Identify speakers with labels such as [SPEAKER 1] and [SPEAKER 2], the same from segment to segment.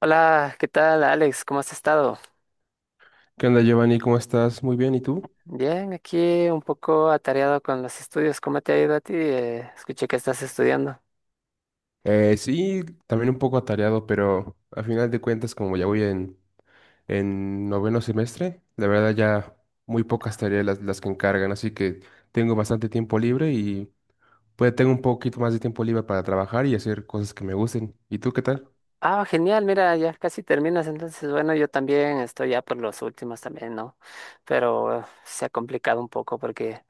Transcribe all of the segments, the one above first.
[SPEAKER 1] Hola, ¿qué tal, Alex? ¿Cómo has estado?
[SPEAKER 2] ¿Qué onda, Giovanni? ¿Cómo estás? Muy bien, ¿y tú?
[SPEAKER 1] Bien, aquí un poco atareado con los estudios. ¿Cómo te ha ido a ti? Escuché que estás estudiando.
[SPEAKER 2] Sí, también un poco atareado, pero a final de cuentas, como ya voy en noveno semestre, la verdad ya muy pocas tareas las que encargan, así que tengo bastante tiempo libre y pues tengo un poquito más de tiempo libre para trabajar y hacer cosas que me gusten. ¿Y tú qué tal?
[SPEAKER 1] Ah, genial, mira, ya casi terminas. Entonces, bueno, yo también estoy ya por los últimos también, ¿no? Pero se ha complicado un poco porque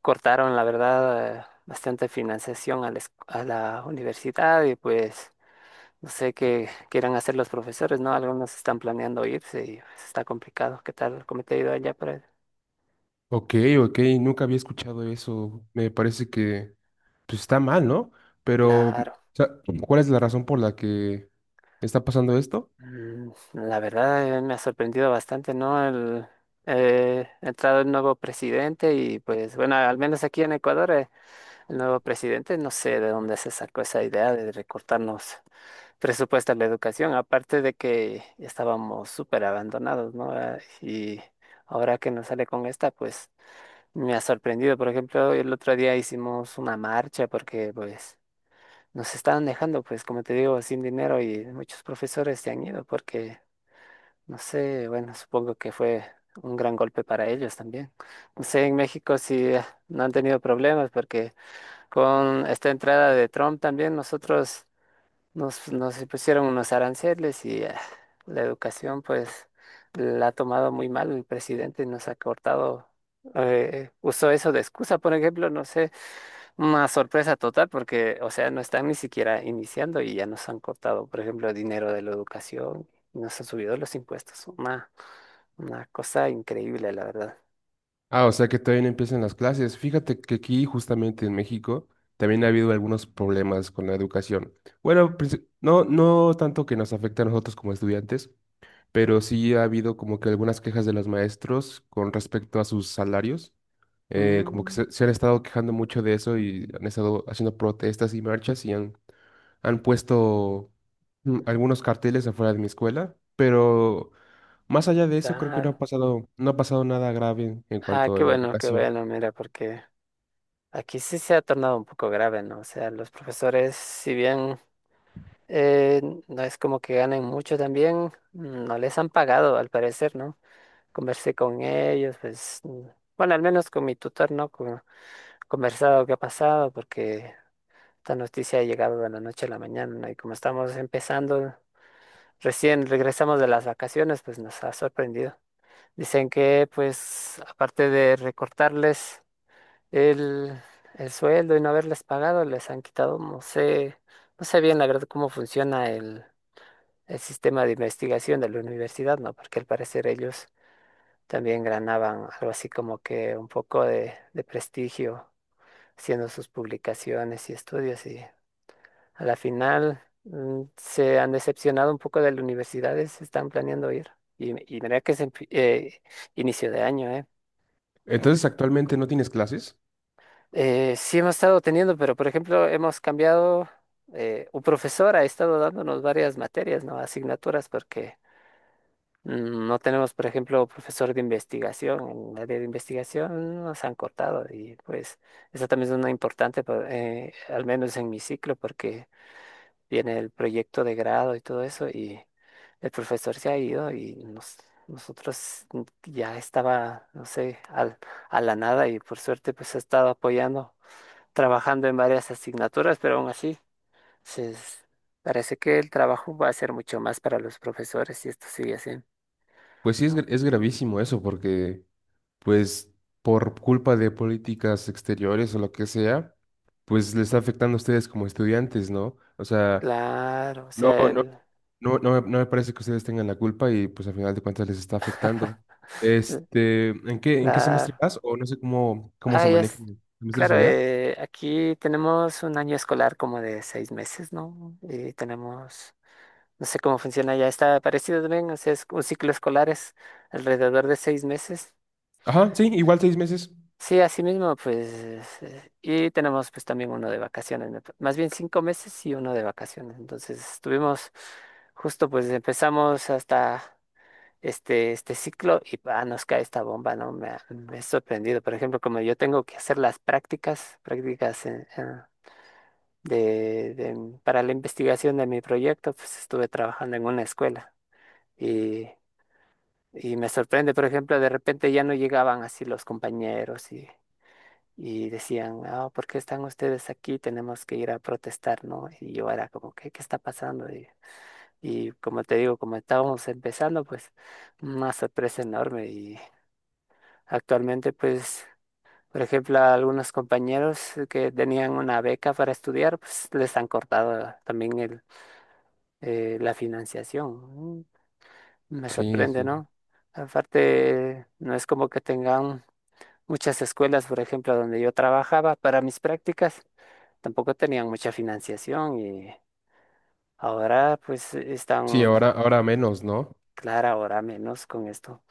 [SPEAKER 1] cortaron, la verdad, bastante financiación a a la universidad y pues no sé qué quieran hacer los profesores, ¿no? Algunos están planeando irse y pues, está complicado. ¿Qué tal? ¿Cómo te ha ido allá por ahí?
[SPEAKER 2] Ok, ok, nunca había escuchado eso. Me parece que pues está mal, ¿no? Pero, o
[SPEAKER 1] Claro.
[SPEAKER 2] sea, ¿cuál es la razón por la que está pasando esto?
[SPEAKER 1] La verdad me ha sorprendido bastante, ¿no? Ha entrado el nuevo presidente y pues bueno, al menos aquí en Ecuador, el nuevo presidente no sé de dónde se sacó esa idea de recortarnos presupuesto a la educación, aparte de que estábamos súper abandonados, ¿no? Ah, y ahora que nos sale con esta, pues me ha sorprendido. Por ejemplo, el otro día hicimos una marcha porque pues nos estaban dejando, pues como te digo, sin dinero y muchos profesores se han ido porque no sé, bueno, supongo que fue un gran golpe para ellos también. No sé, en México sí no han tenido problemas porque con esta entrada de Trump también nosotros nos pusieron unos aranceles y la educación pues la ha tomado muy mal el presidente, nos ha cortado, usó eso de excusa, por ejemplo, no sé, una sorpresa total porque, o sea, no están ni siquiera iniciando y ya nos han cortado, por ejemplo, dinero de la educación. Nos han subido los impuestos. Una cosa increíble, la verdad.
[SPEAKER 2] Ah, o sea que todavía no empiezan las clases. Fíjate que aquí, justamente en México, también ha habido algunos problemas con la educación. Bueno, no, no tanto que nos afecte a nosotros como estudiantes, pero sí ha habido como que algunas quejas de los maestros con respecto a sus salarios. Como que
[SPEAKER 1] Mm,
[SPEAKER 2] se han estado quejando mucho de eso y han estado haciendo protestas y marchas y han puesto algunos carteles afuera de mi escuela, pero más allá de eso creo que no ha
[SPEAKER 1] claro.
[SPEAKER 2] pasado, no ha pasado nada grave en
[SPEAKER 1] Ah,
[SPEAKER 2] cuanto a la
[SPEAKER 1] qué
[SPEAKER 2] educación.
[SPEAKER 1] bueno, mira, porque aquí sí se ha tornado un poco grave, ¿no? O sea, los profesores, si bien eh, no es como que ganen mucho también, mm, no les han pagado, al parecer, ¿no? Conversé con ellos, pues, mm, bueno, al menos con mi tutor, ¿no? Conversado qué ha pasado, porque esta noticia ha llegado de la noche a la mañana, ¿no? Y como estamos empezando, recién regresamos de las vacaciones, pues nos ha sorprendido. Dicen que, pues, aparte de recortarles el, el sueldo y no haberles pagado, les han quitado, no sé, no sé bien la verdad cómo funciona el sistema de investigación de la universidad, ¿no? Porque al parecer ellos también ganaban algo así como que un poco de prestigio haciendo sus publicaciones y estudios y a la final mm, se han decepcionado un poco de las universidades, están planeando ir. Y mira que es en inicio de año, ¿eh?
[SPEAKER 2] Entonces, ¿actualmente no tienes clases?
[SPEAKER 1] Sí hemos estado teniendo, pero por ejemplo hemos cambiado, un profesor ha estado dándonos varias materias, ¿no? Asignaturas, porque mm, no tenemos, por ejemplo, profesor de investigación. En el área de investigación nos han cortado y pues esa también es una importante, al menos en mi ciclo, porque viene el proyecto de grado y todo eso y el profesor se ha ido y nosotros ya estaba, no sé, a la nada y por suerte pues ha estado apoyando trabajando en varias asignaturas, pero aún así se es- parece que el trabajo va a ser mucho más para los profesores si esto sigue así.
[SPEAKER 2] Pues sí,
[SPEAKER 1] Mm,
[SPEAKER 2] es gravísimo eso, porque pues por culpa de políticas exteriores o lo que sea, pues les está afectando a ustedes como estudiantes, ¿no? O sea,
[SPEAKER 1] claro, o
[SPEAKER 2] no,
[SPEAKER 1] sea,
[SPEAKER 2] no, no, no, me no me parece que ustedes tengan la culpa y pues al final de cuentas les está afectando.
[SPEAKER 1] l-
[SPEAKER 2] Este, en qué semestre
[SPEAKER 1] claro.
[SPEAKER 2] vas? O no sé cómo
[SPEAKER 1] Ah,
[SPEAKER 2] se
[SPEAKER 1] ya es,
[SPEAKER 2] manejan los semestres
[SPEAKER 1] claro,
[SPEAKER 2] allá.
[SPEAKER 1] aquí tenemos un año escolar como de 6 meses, ¿no? Y tenemos, no sé cómo funciona ya, está parecido también, o sea, es un ciclo escolar es alrededor de 6 meses.
[SPEAKER 2] Ajá, sí, igual 6 meses.
[SPEAKER 1] Sí, así mismo, pues, y tenemos pues también uno de vacaciones, más bien 5 meses y uno de vacaciones. Entonces estuvimos justo pues empezamos hasta este ciclo y pa, nos cae esta bomba, ¿no? Me ha sorprendido. Por ejemplo, como yo tengo que hacer las prácticas para la investigación de mi proyecto, pues estuve trabajando en una escuela y, y me sorprende, por ejemplo, de repente ya no llegaban así los compañeros y decían, ah, ¿por qué están ustedes aquí? Tenemos que ir a protestar, ¿no? Y yo era como, ¿qué está pasando? Y como te digo, como estábamos empezando, pues una sorpresa enorme. Y actualmente, pues, por ejemplo, a algunos compañeros que tenían una beca para estudiar, pues les han cortado también la financiación. Mm, me
[SPEAKER 2] Sí,
[SPEAKER 1] sorprende,
[SPEAKER 2] sí.
[SPEAKER 1] ¿no? Aparte, no es como que tengan muchas escuelas, por ejemplo, donde yo trabajaba para mis prácticas. Tampoco tenían mucha financiación y ahora pues
[SPEAKER 2] Sí,
[SPEAKER 1] están,
[SPEAKER 2] ahora, ahora menos, ¿no?
[SPEAKER 1] claro, ahora menos con esto.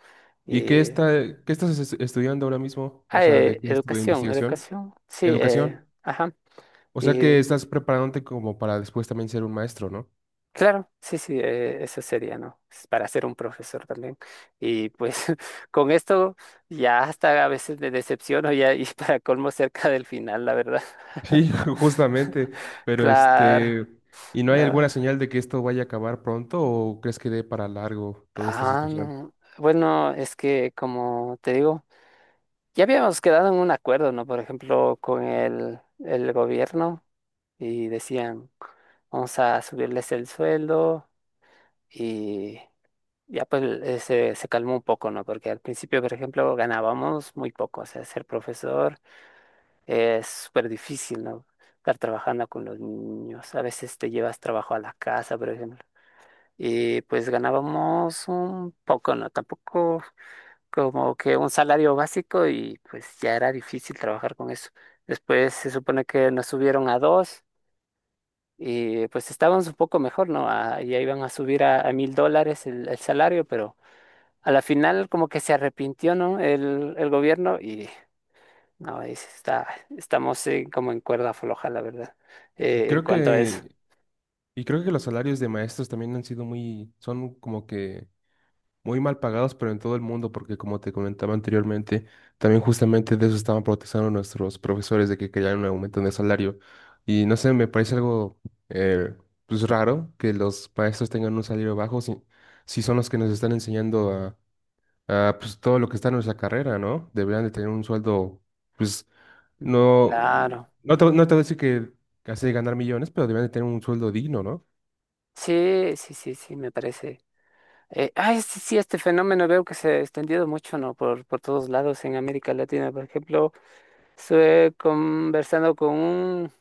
[SPEAKER 2] ¿Y qué
[SPEAKER 1] Y,
[SPEAKER 2] está, qué estudiando ahora mismo? O
[SPEAKER 1] ah,
[SPEAKER 2] sea, ¿de qué es tu
[SPEAKER 1] educación,
[SPEAKER 2] investigación?
[SPEAKER 1] educación, sí,
[SPEAKER 2] Educación.
[SPEAKER 1] ajá.
[SPEAKER 2] O sea
[SPEAKER 1] Y
[SPEAKER 2] que estás preparándote como para después también ser un maestro, ¿no?
[SPEAKER 1] claro, sí, sí, eso sería, ¿no? Es para ser un profesor también. Y pues con esto ya hasta a veces me decepciono ya y para colmo cerca del final, la verdad.
[SPEAKER 2] Sí, justamente, pero
[SPEAKER 1] Claro.
[SPEAKER 2] este, ¿y no hay alguna
[SPEAKER 1] la-
[SPEAKER 2] señal de que esto vaya a acabar pronto o crees que dé para largo toda esta
[SPEAKER 1] Ah,
[SPEAKER 2] situación?
[SPEAKER 1] no. Bueno, es que como te digo, ya habíamos quedado en un acuerdo, ¿no? Por ejemplo, con el gobierno y decían, vamos a subirles el sueldo y ya pues se calmó un poco, ¿no? Porque al principio, por ejemplo, ganábamos muy poco, o sea, ser profesor es súper difícil, ¿no? Estar trabajando con los niños, a veces te llevas trabajo a la casa, por ejemplo, y pues ganábamos un poco, ¿no? Tampoco como que un salario básico y pues ya era difícil trabajar con eso. Después se supone que nos subieron a dos y pues estábamos un poco mejor, ¿no? A- ya iban a subir a $1000 el salario, pero a la final como que se arrepintió, ¿no? El gobierno y no, está, estamos como en cuerda floja, la verdad,
[SPEAKER 2] Y
[SPEAKER 1] en
[SPEAKER 2] creo
[SPEAKER 1] cuanto a eso.
[SPEAKER 2] que, y creo que los salarios de maestros también han sido son como que muy mal pagados, pero en todo el mundo, porque como te comentaba anteriormente, también justamente de eso estaban protestando nuestros profesores de que querían un aumento de salario. Y no sé, me parece algo eh, pues raro que los maestros tengan un salario bajo si son los que nos están enseñando ah, pues todo lo que está en nuestra carrera, ¿no? Deberían de tener un sueldo, pues
[SPEAKER 1] Mm.
[SPEAKER 2] no,
[SPEAKER 1] Claro,
[SPEAKER 2] no te voy a decir que hace ganar millones, pero deberían de tener un sueldo digno, ¿no?
[SPEAKER 1] sí, me parece. Ay, sí, sí, este fenómeno veo que se ha extendido mucho, ¿no? Por todos lados en América Latina. Por ejemplo, estuve conversando con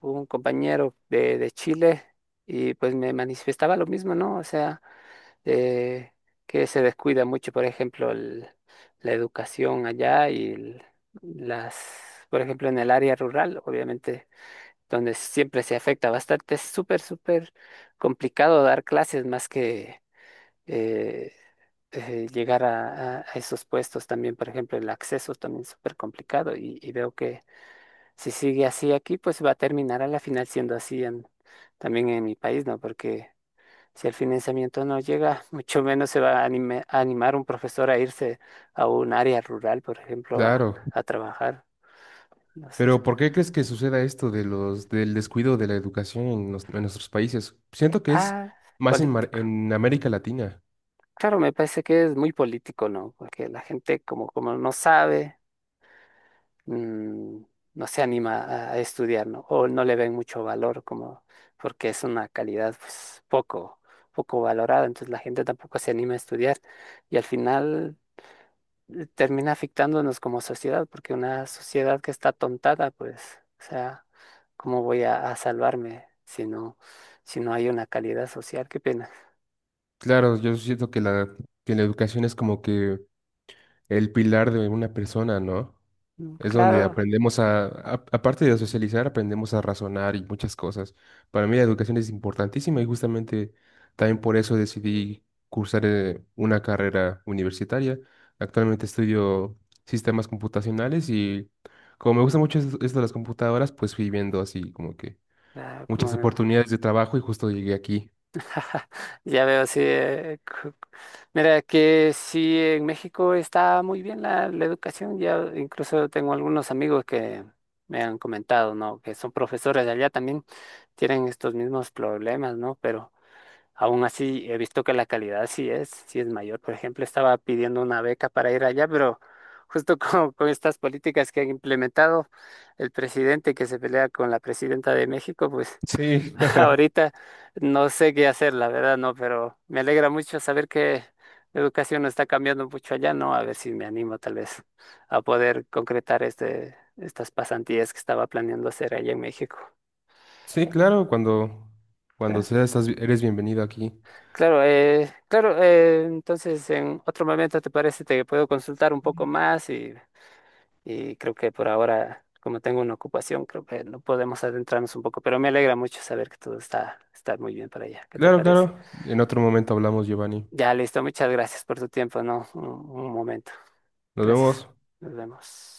[SPEAKER 1] un compañero de Chile y pues me manifestaba lo mismo, ¿no? O sea, eh, que se descuida mucho, por ejemplo, la educación allá y las, por ejemplo, en el área rural, obviamente, donde siempre se afecta bastante. Es súper, súper complicado dar clases más que eh, llegar a esos puestos también, por ejemplo, el acceso también es súper complicado y veo que si sigue así aquí, pues va a terminar a la final siendo así también en mi país, ¿no? Porque si el financiamiento no llega, mucho menos se va a animar un profesor a irse a un área rural, por ejemplo,
[SPEAKER 2] Claro.
[SPEAKER 1] a trabajar, no sé.
[SPEAKER 2] Pero ¿por qué crees que suceda esto del descuido de la educación en nuestros países? Siento que es
[SPEAKER 1] Ah,
[SPEAKER 2] más
[SPEAKER 1] político.
[SPEAKER 2] en América Latina.
[SPEAKER 1] Claro, me parece que es muy político, ¿no? Porque la gente como no sabe. Mm, no se anima a estudiar, ¿no? O no le ven mucho valor como porque es una calidad pues poco, poco valorada, entonces la gente tampoco se anima a estudiar y al final termina afectándonos como sociedad, porque una sociedad que está tontada, pues, o sea, ¿cómo voy a salvarme si no, si no hay una calidad social? Qué pena.
[SPEAKER 2] Claro, yo siento que que la educación es como que el pilar de una persona, ¿no?
[SPEAKER 1] Mm,
[SPEAKER 2] Es donde
[SPEAKER 1] claro,
[SPEAKER 2] aprendemos aparte de socializar, aprendemos a razonar y muchas cosas. Para mí la educación es importantísima y justamente también por eso decidí cursar una carrera universitaria. Actualmente estudio sistemas computacionales y como me gusta mucho esto de las computadoras, pues fui viendo así como que
[SPEAKER 1] ah,
[SPEAKER 2] muchas
[SPEAKER 1] como
[SPEAKER 2] oportunidades de trabajo y justo llegué aquí.
[SPEAKER 1] ya veo, sí. Mira, que sí, en México está muy bien la educación. Ya incluso tengo algunos amigos que me han comentado, ¿no? Que son profesores de allá también, tienen estos mismos problemas, ¿no? Pero aún así he visto que la calidad sí es mayor. Por ejemplo, estaba pidiendo una beca para ir allá, pero justo con estas políticas que han implementado el presidente que se pelea con la presidenta de México, pues.
[SPEAKER 2] Sí,
[SPEAKER 1] Ahorita no sé qué hacer, la verdad, no, pero me alegra mucho saber que la educación no está cambiando mucho allá, ¿no? A ver si me animo tal vez a poder concretar este, estas pasantías que estaba planeando hacer allá en México.
[SPEAKER 2] sí, claro, cuando
[SPEAKER 1] Claro,
[SPEAKER 2] eres bienvenido aquí.
[SPEAKER 1] claro, claro, entonces en otro momento te parece, te puedo consultar un poco más y creo que por ahora, como tengo una ocupación, creo que no podemos adentrarnos un poco, pero me alegra mucho saber que todo está, está muy bien para allá. ¿Qué te
[SPEAKER 2] Claro,
[SPEAKER 1] parece?
[SPEAKER 2] claro. En otro momento hablamos, Giovanni.
[SPEAKER 1] Ya listo, muchas gracias por tu tiempo, ¿no? Un un momento.
[SPEAKER 2] Nos
[SPEAKER 1] Gracias.
[SPEAKER 2] vemos.
[SPEAKER 1] Nos vemos.